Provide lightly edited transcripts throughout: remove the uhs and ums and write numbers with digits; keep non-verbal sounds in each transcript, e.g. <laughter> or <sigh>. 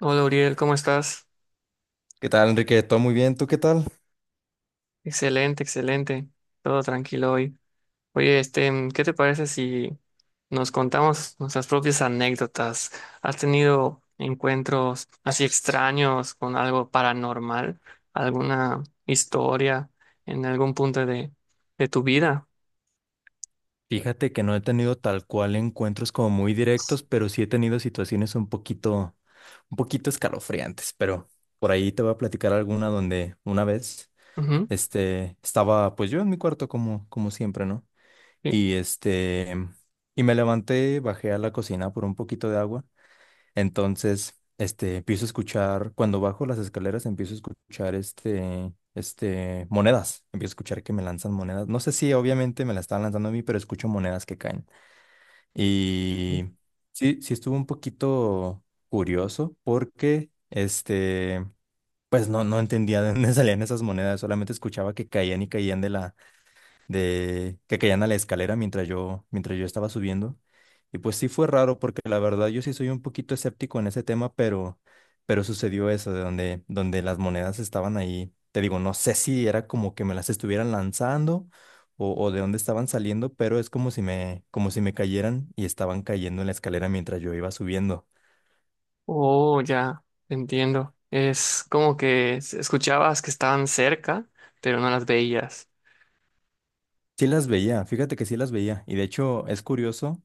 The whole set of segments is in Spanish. Hola Uriel, ¿cómo estás? ¿Qué tal, Enrique? ¿Todo muy bien? ¿Tú qué tal? Excelente, excelente. Todo tranquilo hoy. Oye, ¿qué te parece si nos contamos nuestras propias anécdotas? ¿Has tenido encuentros así extraños con algo paranormal? ¿Alguna historia en algún de tu vida? Fíjate que no he tenido tal cual encuentros como muy directos, pero sí he tenido situaciones un poquito escalofriantes, pero por ahí te voy a platicar alguna donde una vez, Ujú. Estaba pues yo en mi cuarto como siempre, ¿no? Sí. Y este, y me levanté, bajé a la cocina por un poquito de agua. Entonces, empiezo a escuchar, cuando bajo las escaleras, empiezo a escuchar monedas. Empiezo a escuchar que me lanzan monedas. No sé si obviamente me las estaban lanzando a mí, pero escucho monedas que caen. Y sí, sí estuvo un poquito curioso porque, pues no, no entendía de dónde <laughs> salían esas monedas, solamente escuchaba que caían y caían de que caían a la escalera mientras yo estaba subiendo. Y pues sí fue raro porque la verdad yo sí soy un poquito escéptico en ese tema, pero sucedió eso de donde las monedas estaban ahí. Te digo, no sé si era como que me las estuvieran lanzando o de dónde estaban saliendo, pero es como si como si me cayeran y estaban cayendo en la escalera mientras yo iba subiendo. Oh, ya, entiendo. Es como que escuchabas que estaban cerca, pero no las veías. Sí las veía, fíjate que sí las veía. Y de hecho es curioso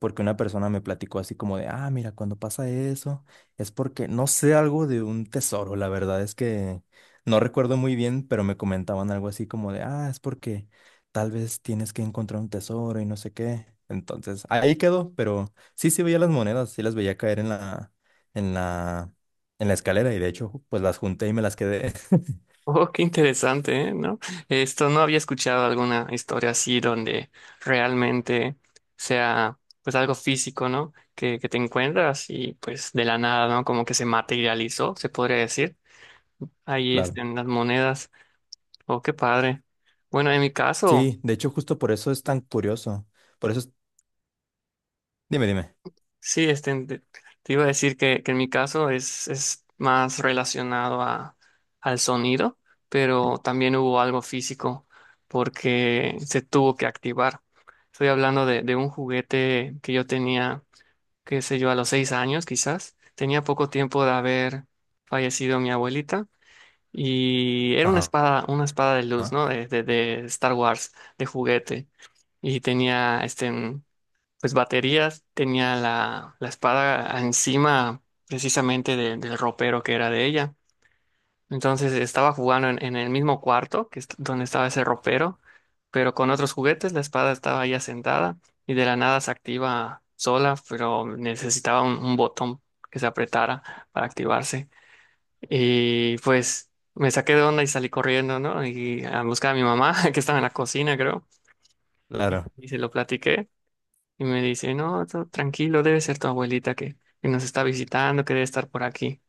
porque una persona me platicó así como de, ah, mira, cuando pasa eso es porque no sé algo de un tesoro. La verdad es que no recuerdo muy bien, pero me comentaban algo así como de, ah, es porque tal vez tienes que encontrar un tesoro y no sé qué. Entonces ahí quedó, pero sí, sí veía las monedas, sí las veía caer en la, en la escalera y de hecho pues las junté y me las quedé. <laughs> Oh, qué interesante, ¿eh? ¿No? Esto no había escuchado alguna historia así donde realmente sea pues algo físico, ¿no? Que te encuentras y pues de la nada, ¿no? Como que se materializó, se podría decir. Ahí Claro. estén las monedas. Oh, qué padre. Bueno, en mi caso. Sí, de hecho justo por eso es tan curioso. Por eso es Dime, dime. Sí, este, te iba a decir que en mi caso es más relacionado al sonido, pero también hubo algo físico porque se tuvo que activar. Estoy hablando de un juguete que yo tenía, qué sé yo, a los seis años quizás. Tenía poco tiempo de haber fallecido mi abuelita y era Ajá. Una espada de luz, Ajá. ¿no? De Star Wars, de juguete y tenía este pues baterías, tenía la espada encima precisamente del ropero que era de ella. Entonces estaba jugando en el mismo cuarto que donde estaba ese ropero, pero con otros juguetes, la espada estaba ya sentada y de la nada se activa sola, pero necesitaba un botón que se apretara para activarse. Y pues me saqué de onda y salí corriendo, ¿no? Y a buscar a mi mamá, <laughs> que estaba en la cocina, creo, y Claro. Se lo platiqué. Y me dice, no, todo tranquilo, debe ser tu abuelita que nos está visitando, que debe estar por aquí.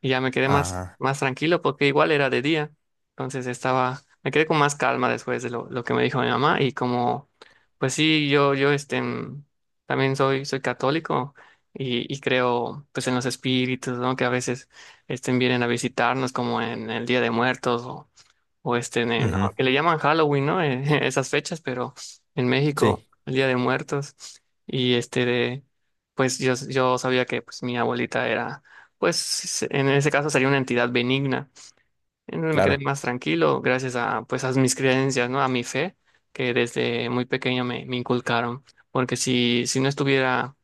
Y ya me quedé Ajá. más tranquilo porque igual era de día. Entonces estaba, me quedé con más calma después de lo que me dijo mi mamá. Y como, pues sí, yo también soy católico y creo pues en los espíritus, ¿no? Que a veces este, vienen a visitarnos como en el Día de Muertos o este, en Ujú. que le llaman Halloween, ¿no? <laughs> Esas fechas, pero en México, Sí, el Día de Muertos. Y pues yo sabía que pues mi abuelita era, pues en ese caso sería una entidad benigna. Entonces me quedé claro. más tranquilo gracias a, pues a mis creencias, ¿no? A mi fe, que desde muy pequeño me inculcaron. Porque si no estuviera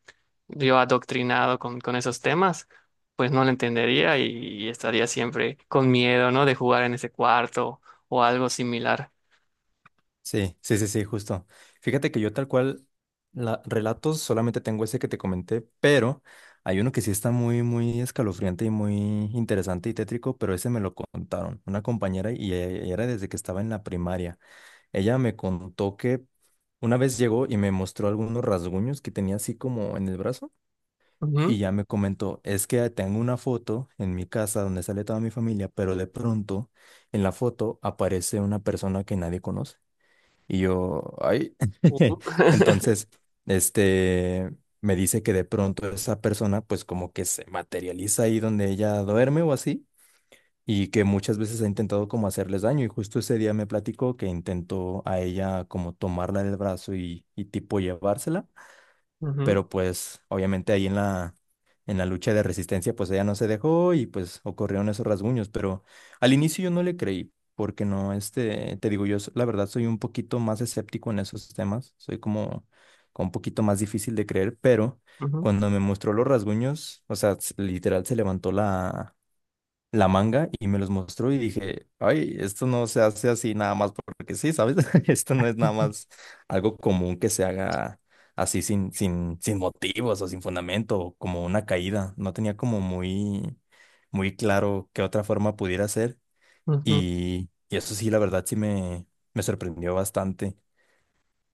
yo adoctrinado con esos temas, pues no lo entendería y estaría siempre con miedo, ¿no? De jugar en ese cuarto o algo similar. Sí, sí, sí, sí, justo. Fíjate que yo tal cual, la, relatos solamente tengo ese que te comenté, pero hay uno que sí está muy, muy escalofriante y muy interesante y tétrico, pero ese me lo contaron una compañera y era desde que estaba en la primaria. Ella me contó que una vez llegó y me mostró algunos rasguños que tenía así como en el brazo. Ujú. Y ya me comentó, es que tengo una foto en mi casa donde sale toda mi familia, pero de pronto en la foto aparece una persona que nadie conoce. Y yo, ay, <laughs> Ujú. <laughs> entonces, este, me dice que de pronto esa persona pues como que se materializa ahí donde ella duerme o así, y que muchas veces ha intentado como hacerles daño. Y justo ese día me platicó que intentó a ella como tomarla del brazo y tipo llevársela, Ujú, pero pues obviamente ahí en en la lucha de resistencia, pues ella no se dejó y pues ocurrieron esos rasguños, pero al inicio yo no le creí, porque no, te digo, la verdad soy un poquito más escéptico en esos temas, como un poquito más difícil de creer, pero ujú, cuando me mostró los rasguños, o sea, literal se levantó la manga y me los mostró y dije, ay, esto no se hace así nada más porque sí, ¿sabes? <laughs> Esto no es nada ujú, más algo común que se haga así sin motivos o sin fundamento, o como una caída. No tenía como muy claro qué otra forma pudiera ser. ujú. Y, y eso sí, la verdad me sorprendió bastante.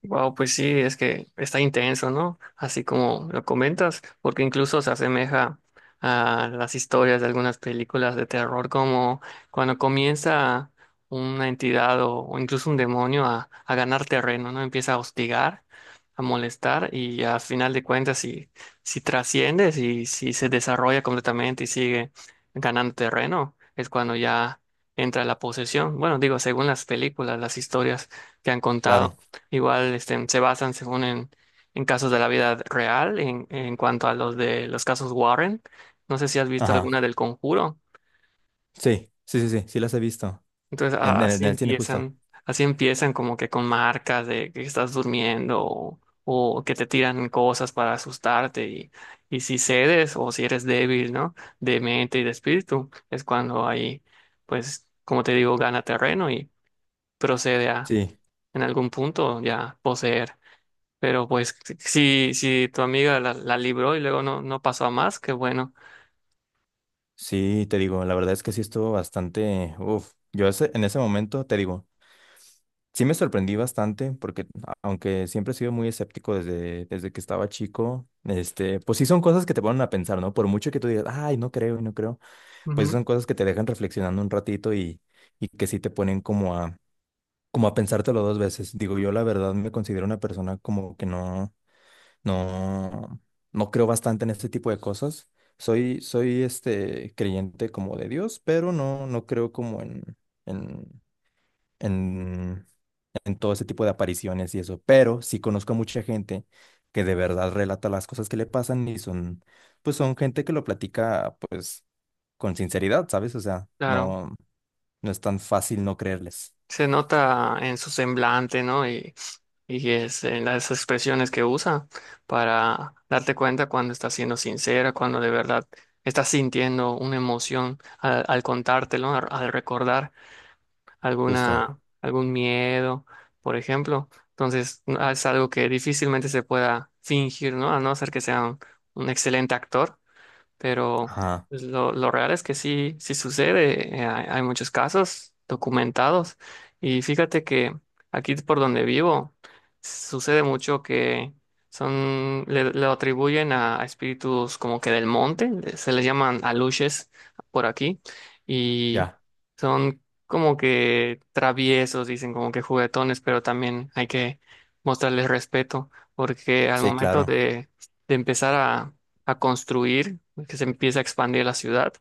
Wow, pues sí, es que está intenso, ¿no? Así como lo comentas, porque incluso se asemeja a las historias de algunas películas de terror, como cuando comienza una entidad o incluso un demonio a ganar terreno, ¿no? Empieza a hostigar, a molestar y al final de cuentas, si, si trasciende, si, si se desarrolla completamente y sigue ganando terreno, es cuando ya entra la posesión. Bueno, digo, según las películas, las historias que han contado. Claro, Igual este, se basan según en casos de la vida real, en cuanto a los de los casos Warren. No sé si has visto ajá, alguna del Conjuro. sí, sí, sí, sí, sí las he visto Entonces en, en el cine justo. Así empiezan como que con marcas de que estás durmiendo o que te tiran cosas para asustarte y si cedes o si eres débil, ¿no? De mente y de espíritu, es cuando ahí, pues, como te digo, gana terreno y procede a Sí. en algún punto ya poseer. Pero pues si, si si tu amiga la libró y luego no, no pasó a más, qué bueno. Sí, te digo, la verdad es que sí estuvo bastante, uf, yo en ese momento, te digo, sí me sorprendí bastante porque aunque siempre he sido muy escéptico desde que estaba chico, pues sí son cosas que te ponen a pensar, ¿no? Por mucho que tú digas, ay, no creo, no creo, pues Ujú. son cosas que te dejan reflexionando un ratito, y que sí te ponen como a pensártelo dos veces. Digo, yo la verdad me considero una persona como que no. No, no creo bastante en este tipo de cosas. Soy este creyente como de Dios, pero no, no creo como en, en, en todo ese tipo de apariciones y eso. Pero sí conozco a mucha gente que de verdad relata las cosas que le pasan y son, pues son gente que lo platica pues con sinceridad, ¿sabes? O sea, Claro, no, no es tan fácil no creerles. se nota en su semblante, ¿no? Y es en las expresiones que usa para darte cuenta cuando está siendo sincera, cuando de verdad está sintiendo una emoción al contártelo, al recordar Justo. alguna, algún miedo, por ejemplo. Entonces, es algo que difícilmente se pueda fingir, ¿no? A no ser que sea un excelente actor pero Ajá, pues, lo real es que sí, sí sucede. Eh, hay muchos casos documentados. Y fíjate que aquí por donde vivo sucede mucho que son, le, lo atribuyen a espíritus como que del monte, se les llaman aluches por aquí, y ya. son como que traviesos, dicen como que juguetones, pero también hay que mostrarles respeto, porque al Sí, momento claro. de empezar a construir, que se empieza a expandir la ciudad.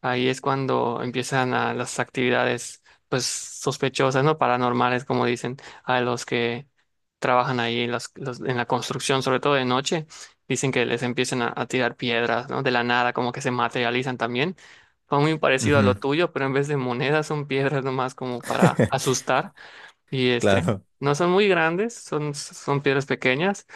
Ahí es cuando empiezan las actividades, pues, sospechosas, ¿no? Paranormales, como dicen, a los que trabajan ahí en, en la construcción, sobre todo de noche. Dicen que les empiezan a tirar piedras, ¿no? De la nada, como que se materializan también. Fue muy parecido a lo Ujú. tuyo, pero en vez de monedas son piedras nomás como para <laughs> asustar. Y este, Claro, no son muy grandes, son, son piedras pequeñas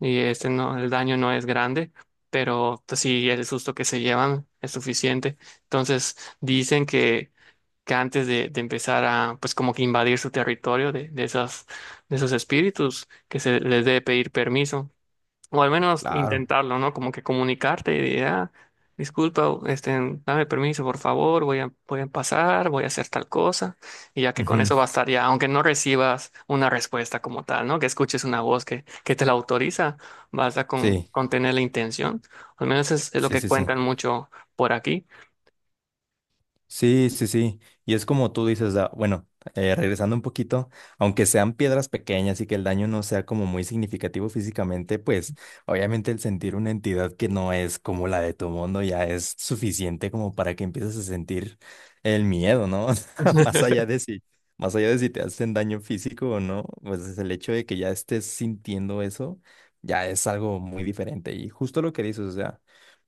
y este no, el daño no es grande, pero pues, sí el susto que se llevan es suficiente. Entonces dicen que antes de empezar a pues como que invadir su territorio de esas, de esos espíritus, que se les debe pedir permiso. O al menos claro. intentarlo, ¿no? Como que comunicarte y decir, ah, disculpa, este, dame permiso, por favor, voy a pasar, voy a hacer tal cosa. Y ya que con Ujú. eso bastaría, aunque no recibas una respuesta como tal, ¿no? Que escuches una voz que te la autoriza, basta Sí, con tener la intención. Al menos es lo sí, que sí, sí. cuentan mucho por aquí. Sí, sí, sí. Y es como tú dices, ah, bueno, regresando un poquito, aunque sean piedras pequeñas y que el daño no sea como muy significativo físicamente, pues obviamente el sentir una entidad que no es como la de tu mundo ya es suficiente como para que empieces a sentir el miedo, ¿no? <laughs> O sea, más allá <laughs> de si, más allá de si te hacen daño físico o no, pues es el hecho de que ya estés sintiendo eso, ya es algo muy diferente. Y justo lo que dices, o sea.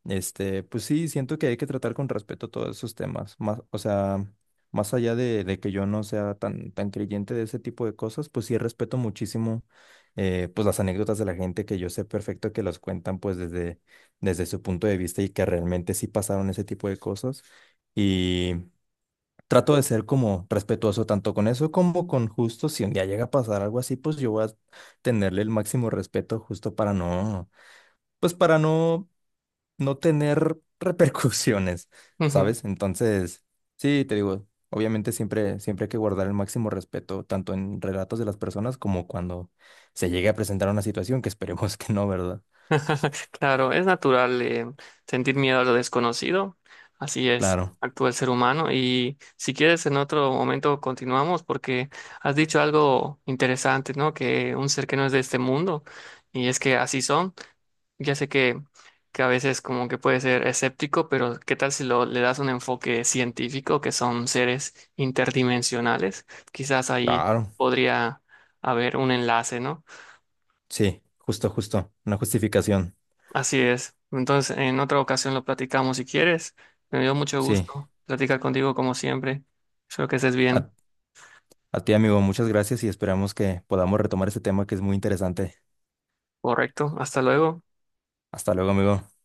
Pues sí, siento que hay que tratar con respeto todos esos temas. Más, o sea, más allá de que yo no sea tan creyente de ese tipo de cosas, pues sí respeto muchísimo, pues las anécdotas de la gente que yo sé perfecto que las cuentan pues desde su punto de vista y que realmente sí pasaron ese tipo de cosas. Y trato de ser como respetuoso tanto con eso como con justo si un día llega a pasar algo así, pues yo voy a tenerle el máximo respeto justo para no, pues para no no tener repercusiones, Ujú. ¿sabes? Entonces, sí, te digo, obviamente siempre, siempre hay que guardar el máximo respeto, tanto en relatos de las personas como cuando se llegue a presentar una situación que esperemos que no, ¿verdad? Claro, es natural sentir miedo a lo desconocido, así es, Claro, actúa el ser humano y si quieres en otro momento continuamos porque has dicho algo interesante, ¿no? Que un ser que no es de este mundo y es que así son, ya sé que a veces como que puede ser escéptico, pero ¿qué tal si le das un enfoque científico que son seres interdimensionales? Quizás ahí claro, podría haber un enlace, ¿no? sí, justo, justo, una justificación, Así es. Entonces, en otra ocasión lo platicamos si quieres. Me dio mucho sí. gusto platicar contigo como siempre. Espero que estés A, bien. a ti, amigo, muchas gracias y esperamos que podamos retomar este tema que es muy interesante. Correcto. Hasta luego. Hasta luego, amigo.